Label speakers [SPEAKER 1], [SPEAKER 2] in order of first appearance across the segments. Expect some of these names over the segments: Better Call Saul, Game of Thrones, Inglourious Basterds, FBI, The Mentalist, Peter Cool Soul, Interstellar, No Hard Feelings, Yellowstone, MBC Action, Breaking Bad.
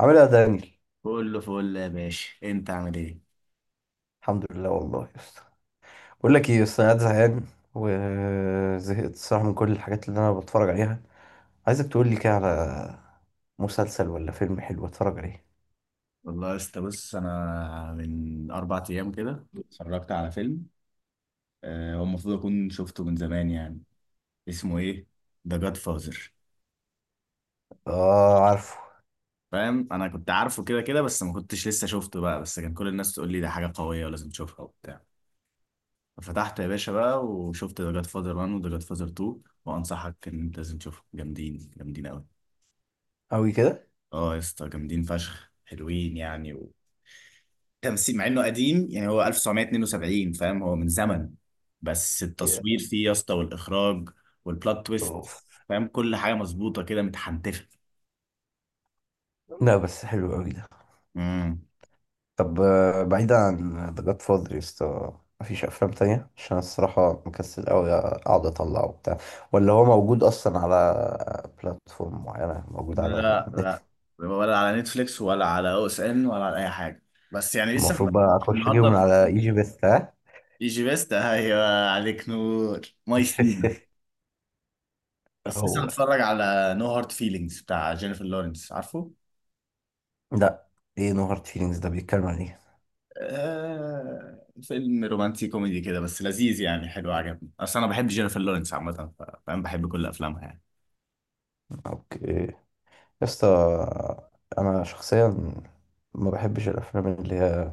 [SPEAKER 1] عامل ايه يا دانيال؟
[SPEAKER 2] كله فل يا باشا، انت عامل ايه؟
[SPEAKER 1] الحمد لله والله يا اسطى. بقول لك ايه يا اسطى، انا قاعد زهقان وزهقت الصراحه من كل الحاجات اللي انا بتفرج عليها. عايزك تقول لي كده على مسلسل ولا فيلم حلو اتفرج عليه.
[SPEAKER 2] والله يا اسطى بص، انا من اربع ايام كده اتفرجت على فيلم. هو المفروض اكون شفته من زمان يعني. اسمه ايه؟ ذا جاد فازر.
[SPEAKER 1] اه عارفه.
[SPEAKER 2] فاهم انا كنت عارفه كده كده، بس ما كنتش لسه شفته بقى، بس كان كل الناس تقول لي ده حاجه قويه ولازم تشوفها وبتاع. ففتحت يا باشا بقى وشفت ذا جاد فازر 1 وذا جاد فازر 2، وانصحك ان انت لازم تشوفهم، جامدين جامدين قوي.
[SPEAKER 1] قوي كده؟
[SPEAKER 2] اه يا اسطى، جامدين فشخ، حلوين يعني. تمثيل، مع انه قديم يعني، هو 1972، فاهم، هو من زمن. بس التصوير فيه يا اسطى، والاخراج، والبلوت تويست.
[SPEAKER 1] اوف.
[SPEAKER 2] فاهم كل حاجه مظبوطه كده، متحنتفه.
[SPEAKER 1] لا بس حلو قوي ده.
[SPEAKER 2] امم
[SPEAKER 1] طب بعيدا عن ذا جاد فاذر يا اسطى، مفيش افلام تانية؟ عشان أنا الصراحه مكسل قوي اقعد اطلعه وبتاع. ولا هو موجود اصلا على بلاتفورم معينه؟ موجود على
[SPEAKER 2] لا
[SPEAKER 1] نت؟
[SPEAKER 2] لا. ولا على نتفليكس ولا على او اس ان ولا على اي حاجه، بس يعني لسه
[SPEAKER 1] المفروض بقى اخش اجيبه
[SPEAKER 2] النهارده.
[SPEAKER 1] من على ايجي بيست؟ ها؟
[SPEAKER 2] ايجي بيست ايوه عليك نور. ماي سيما. بس لسه
[SPEAKER 1] هو؟
[SPEAKER 2] متفرج على نو هارت فيلينجز بتاع جينيفر لورنس، عارفه؟
[SPEAKER 1] لا. ايه نو هارد فيلينجز ده؟ بيتكلم عن ايه؟
[SPEAKER 2] آه، فيلم رومانسي كوميدي كده بس لذيذ يعني، حلو عجبني، اصل انا بحب جينيفر لورنس عامه. فاهم بحب كل افلامها يعني.
[SPEAKER 1] اوكي يا اسطى. انا شخصيا ما بحبش الافلام اللي هي،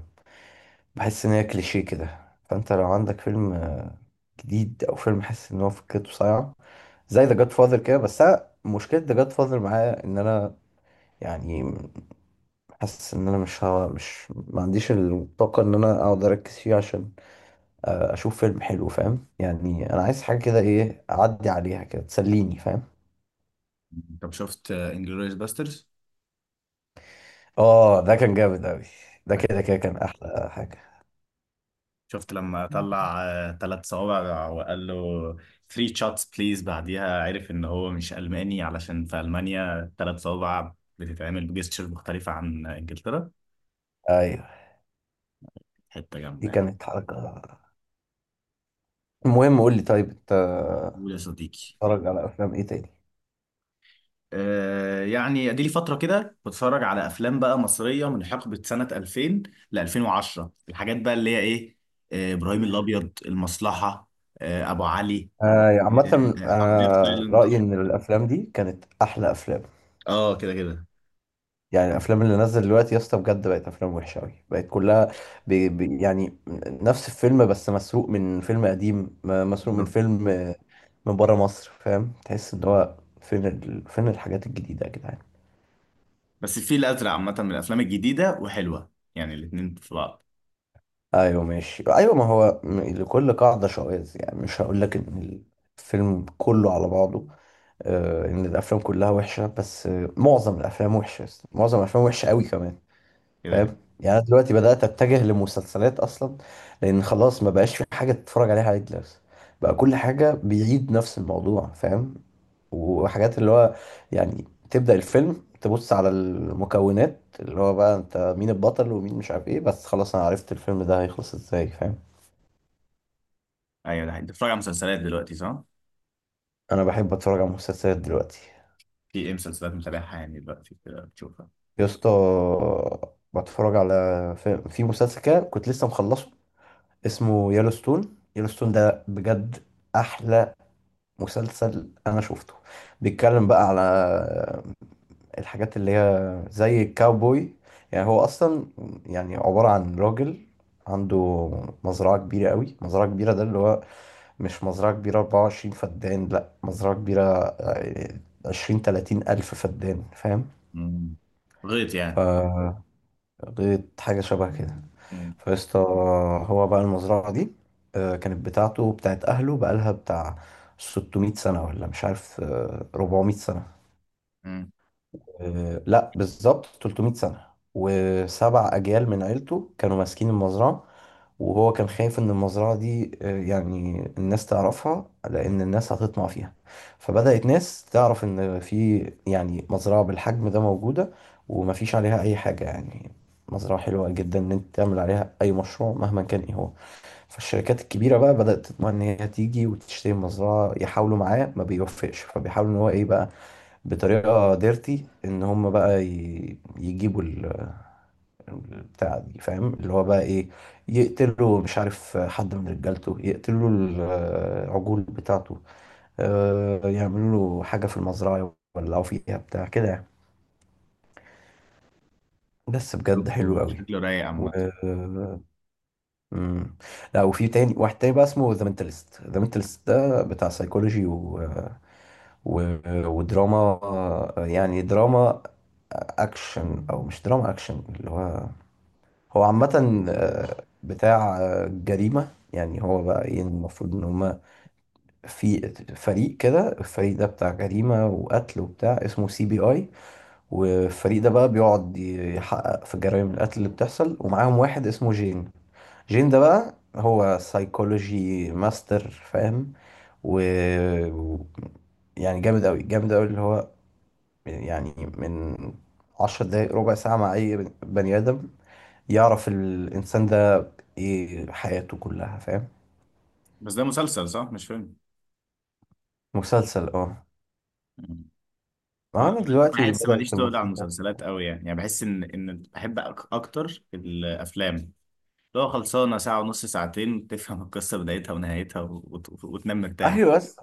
[SPEAKER 1] بحس ان هي كليشيه كده. فانت لو عندك فيلم جديد او فيلم حاسس ان هو فكرته صايعه زي ذا جاد فاذر كده. بس انا مشكله ذا جاد فاذر معايا ان انا يعني حاسس ان انا مش ها مش ما عنديش الطاقه ان انا اقعد اركز فيه. عشان اشوف فيلم حلو فاهم؟ يعني انا عايز حاجه كده ايه، اعدي عليها كده تسليني فاهم.
[SPEAKER 2] طب شفت انجلوريوس باسترز؟
[SPEAKER 1] اه ده كان جامد اوي. ده كده كده كان احلى حاجة.
[SPEAKER 2] شفت لما طلع ثلاث صوابع وقال له 3 شوتس بليز، بعديها عرف ان هو مش الماني علشان في المانيا ثلاث صوابع بتتعمل بجستشر مختلفه عن انجلترا.
[SPEAKER 1] ايوه.
[SPEAKER 2] حته
[SPEAKER 1] دي
[SPEAKER 2] جامده يعني.
[SPEAKER 1] كانت حركة. المهم قول لي، طيب انت
[SPEAKER 2] قول يا صديقي.
[SPEAKER 1] اتفرج على افلام ايه تاني؟
[SPEAKER 2] يعني ادي لي فتره كده بتفرج على افلام بقى مصريه من حقبه سنه 2000 ل 2010. الحاجات بقى اللي هي ايه، ابراهيم الابيض، المصلحه، ابو علي،
[SPEAKER 1] آه، عامة
[SPEAKER 2] حرامية في
[SPEAKER 1] انا
[SPEAKER 2] تايلاند.
[SPEAKER 1] رأيي ان الافلام دي كانت احلى افلام.
[SPEAKER 2] اه كده كده.
[SPEAKER 1] يعني الافلام اللي نزل دلوقتي يا اسطى، بجد بقت افلام وحشة اوي، بقت كلها بي بي يعني. نفس الفيلم، بس مسروق من فيلم قديم، مسروق من
[SPEAKER 2] بالظبط.
[SPEAKER 1] فيلم من بره مصر. فاهم؟ تحس ان هو، فين الحاجات الجديدة يا جدعان؟
[SPEAKER 2] بس الفيل الازرق عامه من الافلام الجديده وحلوه، يعني الاثنين في بعض.
[SPEAKER 1] ايوه ماشي، ايوه. ما هو لكل قاعده شواذ. يعني مش هقول لك ان الفيلم كله على بعضه آه، ان الافلام كلها وحشه، بس آه معظم الافلام وحشه. معظم الافلام وحشه قوي كمان.
[SPEAKER 2] كده كده.
[SPEAKER 1] فاهم؟ يعني انا دلوقتي بدات اتجه لمسلسلات اصلا، لان خلاص ما بقاش في حاجه تتفرج عليها عادي دلوقتي. بقى كل حاجه بيعيد نفس الموضوع فاهم. وحاجات اللي هو يعني، تبدا الفيلم تبص على المكونات، اللي هو بقى انت مين البطل ومين مش عارف ايه، بس خلاص انا عرفت الفيلم ده هيخلص ازاي فاهم.
[SPEAKER 2] ايوه ده حقيقي. انت بتتفرج على مسلسلات دلوقتي صح؟
[SPEAKER 1] انا بحب اتفرج على مسلسلات دلوقتي.
[SPEAKER 2] في ايه مسلسلات متابعها يعني دلوقتي كده بتشوفها؟
[SPEAKER 1] يا اسطى بتفرج على، في مسلسل كده كنت لسه مخلصه، اسمه يellowstone. يellowstone ده بجد احلى مسلسل انا شفته. بيتكلم بقى على الحاجات اللي هي زي الكاوبوي. يعني هو اصلا يعني عبارة عن راجل عنده مزرعة كبيرة قوي. مزرعة كبيرة ده اللي هو مش مزرعة كبيرة 24 فدان، لا، مزرعة كبيرة 20 30 ألف فدان فاهم.
[SPEAKER 2] مم. غيط يعني.
[SPEAKER 1] ف غيط حاجة شبه كده.
[SPEAKER 2] مم.
[SPEAKER 1] فيسطا، هو بقى المزرعة دي كانت بتاعته وبتاعت أهله، بقالها بتاع 600 سنة، ولا مش عارف، 400 سنة.
[SPEAKER 2] مم.
[SPEAKER 1] لا، بالظبط 300 سنة. وسبع أجيال من عيلته كانوا ماسكين المزرعة. وهو كان خايف إن المزرعة دي يعني الناس تعرفها، لأن الناس هتطمع فيها. فبدأت ناس تعرف إن في يعني مزرعة بالحجم ده موجودة، ومفيش عليها أي حاجة يعني. مزرعة حلوة جدا إن أنت تعمل عليها أي مشروع مهما كان إيه هو. فالشركات الكبيرة بقى بدأت تطمع إن هي تيجي وتشتري المزرعة. يحاولوا معاه، ما بيوفقش، فبيحاولوا إن هو إيه بقى، بطريقه ديرتي، ان هم بقى يجيبوا البتاع دي فاهم، اللي هو بقى ايه، يقتلوا مش عارف حد من رجالته، يقتلوا العجول بتاعته، يعملوا له حاجه في المزرعه يولعوا فيها بتاع كده يعني. بس بجد حلو قوي.
[SPEAKER 2] شكله رايق
[SPEAKER 1] و...
[SPEAKER 2] عامه.
[SPEAKER 1] مم. لا، وفي تاني، واحد تاني بقى اسمه ذا مينتالست. ذا مينتالست ده بتاع سايكولوجي و... ودراما. يعني دراما اكشن، او مش دراما اكشن، اللي هو هو عامة بتاع جريمة. يعني هو بقى ايه، المفروض ان هما في فريق كده، الفريق ده بتاع جريمة وقتل وبتاع، اسمه CBI. والفريق ده بقى بيقعد يحقق في جرائم القتل اللي بتحصل، ومعاهم واحد اسمه جين. جين ده بقى هو سايكولوجي ماستر فاهم. و و- يعني جامد قوي، جامد قوي، اللي هو يعني من 10 دقايق، ربع ساعة، مع أي بني آدم يعرف الإنسان ده ايه حياته كلها فاهم.
[SPEAKER 2] بس ده مسلسل صح مش فيلم؟
[SPEAKER 1] مسلسل اه.
[SPEAKER 2] مم.
[SPEAKER 1] ما انا دلوقتي
[SPEAKER 2] بحس ماليش
[SPEAKER 1] بدأت
[SPEAKER 2] تقل على
[SPEAKER 1] المسلسلات.
[SPEAKER 2] المسلسلات قوي يعني، يعني بحس ان ان بحب اكتر الافلام، لو خلصانه ساعه ونص ساعتين تفهم القصه بدايتها ونهايتها وت... وتنام مرتاح.
[SPEAKER 1] ايوه بس،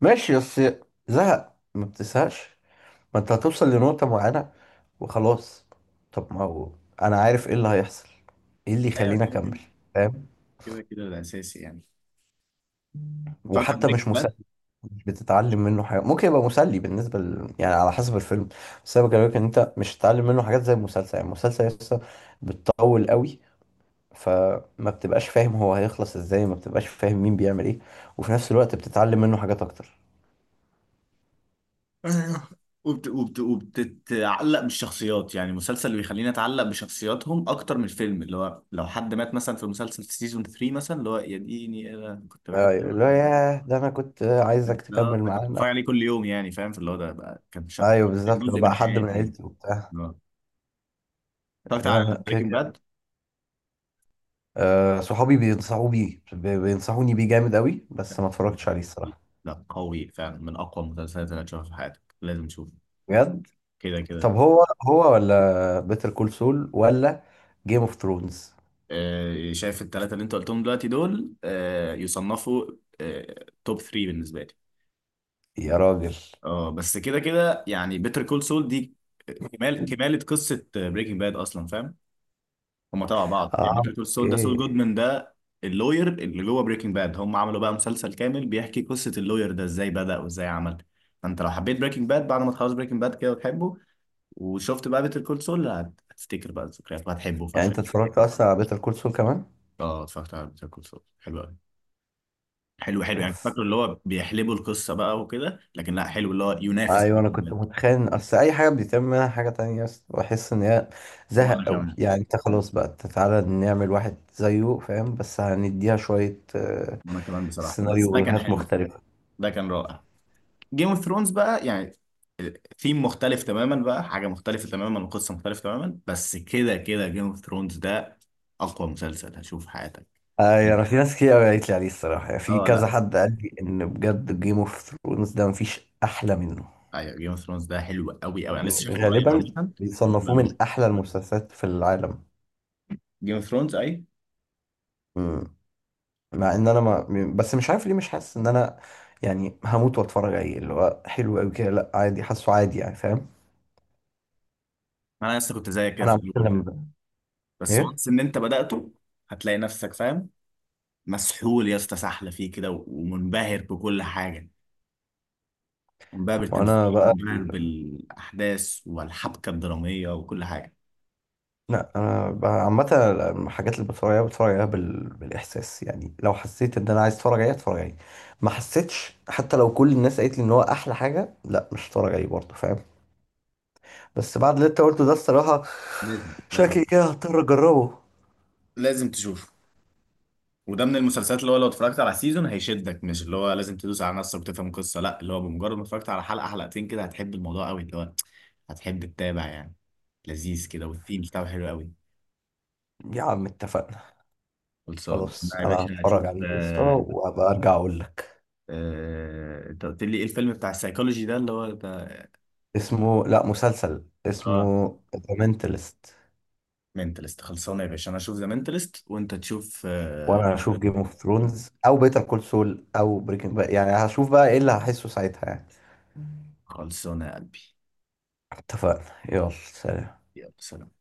[SPEAKER 1] ماشي، بس زهق ما بتزهقش؟ ما انت هتوصل لنقطة معينة وخلاص. طب ما هو انا عارف ايه اللي هيحصل، ايه اللي
[SPEAKER 2] ايوه
[SPEAKER 1] يخليني
[SPEAKER 2] كده كده.
[SPEAKER 1] اكمل فاهم؟
[SPEAKER 2] كده كده الاساسي يعني. اتفرجت على
[SPEAKER 1] وحتى مش
[SPEAKER 2] بريكنج باد.
[SPEAKER 1] مسلي. مش بتتعلم منه حاجة. ممكن يبقى مسلي يعني على حسب الفيلم، بس انا بكلمك ان انت مش هتتعلم منه حاجات زي المسلسل. يعني المسلسل لسه بتطول قوي، فما بتبقاش فاهم هو هيخلص ازاي، ما بتبقاش فاهم مين بيعمل ايه، وفي نفس الوقت بتتعلم منه حاجات اكتر.
[SPEAKER 2] وبتتعلق بالشخصيات، يعني المسلسل اللي بيخليني اتعلق بشخصياتهم اكتر من الفيلم، اللي هو لو حد مات مثلا في مسلسل في سيزون 3 مثلا، اللي هو يا ديني انا كنت بحبه.
[SPEAKER 1] لا لا يا ده انا كنت عايزك
[SPEAKER 2] لا
[SPEAKER 1] تكمل
[SPEAKER 2] ده كنت
[SPEAKER 1] معانا.
[SPEAKER 2] بتفرج عليه كل يوم يعني، فاهم، في اللي هو ده بقى كان
[SPEAKER 1] ايوه
[SPEAKER 2] كان
[SPEAKER 1] بالظبط، لو
[SPEAKER 2] جزء من
[SPEAKER 1] بقى حد من
[SPEAKER 2] حياتي يعني.
[SPEAKER 1] عيلتي وبتاع.
[SPEAKER 2] آه. اتفرجت على
[SPEAKER 1] لا لا كده
[SPEAKER 2] بريكنج
[SPEAKER 1] كده.
[SPEAKER 2] باد.
[SPEAKER 1] آه، صحابي بينصحوا بيه، بينصحوني بيه جامد قوي، بس ما اتفرجتش عليه الصراحه.
[SPEAKER 2] لا قوي فعلا، من اقوى المسلسلات اللي هتشوفها في حياتك، لازم تشوفه.
[SPEAKER 1] بجد؟
[SPEAKER 2] كده
[SPEAKER 1] طب
[SPEAKER 2] كده.
[SPEAKER 1] هو ولا بيتر كول سول ولا جيم اوف ثرونز؟
[SPEAKER 2] آه شايف الثلاثه اللي انت قلتهم دلوقتي دول آه يصنفوا آه توب 3 بالنسبه لي.
[SPEAKER 1] يا راجل.
[SPEAKER 2] اه بس كده كده يعني، بيتر كول سول دي كمال، كماله قصه بريكنج باد اصلا، فاهم هم تبع بعض
[SPEAKER 1] اه
[SPEAKER 2] يعني. بيتر سول ده، سول
[SPEAKER 1] اوكي.
[SPEAKER 2] جودمان ده، اللوير اللي جوه بريكنج باد. هم عملوا بقى مسلسل كامل بيحكي قصة اللوير ده ازاي بدأ وازاي عمل. فانت لو حبيت بريكنج باد، بعد ما تخلص بريكنج باد كده وتحبه وشفت بقى بيتر كول سول، هتفتكر بقى الذكريات وهتحبه
[SPEAKER 1] يعني
[SPEAKER 2] فشخ.
[SPEAKER 1] انت اتفرجت اصلا على بيتر كول سول كمان؟
[SPEAKER 2] اه اتفرجت على بيتر كول سول، حلو قوي. حلو حلو يعني،
[SPEAKER 1] اوف.
[SPEAKER 2] فاكره اللي هو بيحلبوا القصة بقى وكده، لكن لا، حلو اللي هو ينافس
[SPEAKER 1] ايوه
[SPEAKER 2] بريكنج
[SPEAKER 1] انا كنت
[SPEAKER 2] باد.
[SPEAKER 1] متخيل ان اصل اي حاجه بيتم منها حاجه تانية بس بحس ان هي زهق
[SPEAKER 2] وانا
[SPEAKER 1] قوي.
[SPEAKER 2] كمان،
[SPEAKER 1] يعني انت خلاص بقى أنت تعالى نعمل واحد زيه فاهم، بس هنديها شويه
[SPEAKER 2] وانا كمان بصراحة، بس ده كان
[SPEAKER 1] سيناريوهات
[SPEAKER 2] حلو.
[SPEAKER 1] مختلفه.
[SPEAKER 2] ده كان رائع. جيم اوف ثرونز بقى يعني، ثيم مختلف تماما بقى، حاجة مختلفة تماما وقصة مختلفة تماما، بس كده كده، جيم اوف ثرونز ده أقوى مسلسل هتشوفه في حياتك.
[SPEAKER 1] اي، انا في ناس كتير قوي قالت لي عليه الصراحه، يعني في
[SPEAKER 2] اه لا،
[SPEAKER 1] كذا حد قال لي ان بجد جيم اوف ثرونز ده مفيش احلى منه.
[SPEAKER 2] ايوه جيم اوف ثرونز ده حلو قوي قوي. انا لسه
[SPEAKER 1] يعني
[SPEAKER 2] شايفه قريب
[SPEAKER 1] غالبا
[SPEAKER 2] عامة. حلو
[SPEAKER 1] بيصنفوه
[SPEAKER 2] قوي،
[SPEAKER 1] من احلى المسلسلات في العالم.
[SPEAKER 2] جيم اوف ثرونز اي.
[SPEAKER 1] مم. مع ان انا ما م- بس مش عارف ليه مش حاسس ان انا يعني هموت واتفرج عليه، اللي هو حلو قوي كده. لا عادي، حاسه عادي يعني فاهم.
[SPEAKER 2] انا لسه كنت زيك كده
[SPEAKER 1] انا
[SPEAKER 2] في
[SPEAKER 1] عامه
[SPEAKER 2] الاول،
[SPEAKER 1] لما،
[SPEAKER 2] بس
[SPEAKER 1] ايه.
[SPEAKER 2] وانس ان انت بدأته هتلاقي نفسك فاهم، مسحول يا اسطى سحلة فيه كده، ومنبهر بكل حاجة، منبهر بالتمثيل،
[SPEAKER 1] وانا بقى،
[SPEAKER 2] منبهر بالأحداث والحبكة الدرامية وكل حاجة.
[SPEAKER 1] لا انا بقى عامه الحاجات اللي بتفرج عليها بتفرج عليها بالاحساس. يعني لو حسيت ان انا عايز اتفرج عليه اتفرج عليه، ما حسيتش حتى لو كل الناس قالت لي ان هو احلى حاجه، لا مش هتفرج عليه برضه فاهم. بس بعد اللي انت قلته ده الصراحه،
[SPEAKER 2] لازم لازم
[SPEAKER 1] شكلي كده هضطر اجربه.
[SPEAKER 2] لازم تشوفه. وده من المسلسلات اللي هو لو اتفرجت على سيزون هيشدك، مش اللي هو لازم تدوس على نص وتفهم القصه، لا اللي هو بمجرد ما اتفرجت على حلقه حلقتين كده هتحب الموضوع قوي، اللي هو هتحب تتابع يعني. لذيذ كده، والثيم بتاعه حلو قوي.
[SPEAKER 1] يا عم اتفقنا.
[SPEAKER 2] خلصان
[SPEAKER 1] خلاص،
[SPEAKER 2] أنا يا
[SPEAKER 1] انا
[SPEAKER 2] باشا،
[SPEAKER 1] هتفرج
[SPEAKER 2] هشوف
[SPEAKER 1] عليه قصه وهبقى ارجع اقول لك.
[SPEAKER 2] انت قلت لي ايه الفيلم بتاع السايكولوجي ده اللي هو ده؟
[SPEAKER 1] اسمه، لا، مسلسل،
[SPEAKER 2] اه
[SPEAKER 1] اسمه ذا مينتالست.
[SPEAKER 2] منتلست. خلصانه يا باشا، انا اشوف ذا منتلست وانت تشوف
[SPEAKER 1] وانا هشوف جيم اوف ثرونز او بيتر كول سول او بريكنج بقى، يعني هشوف بقى ايه اللي هشوف بقى، إيه اللي هشوف بقى، إيه اللي هحسه ساعتها يعني.
[SPEAKER 2] خلصانه يا قلبي.
[SPEAKER 1] اتفقنا، يلا سلام.
[SPEAKER 2] يلا سلام.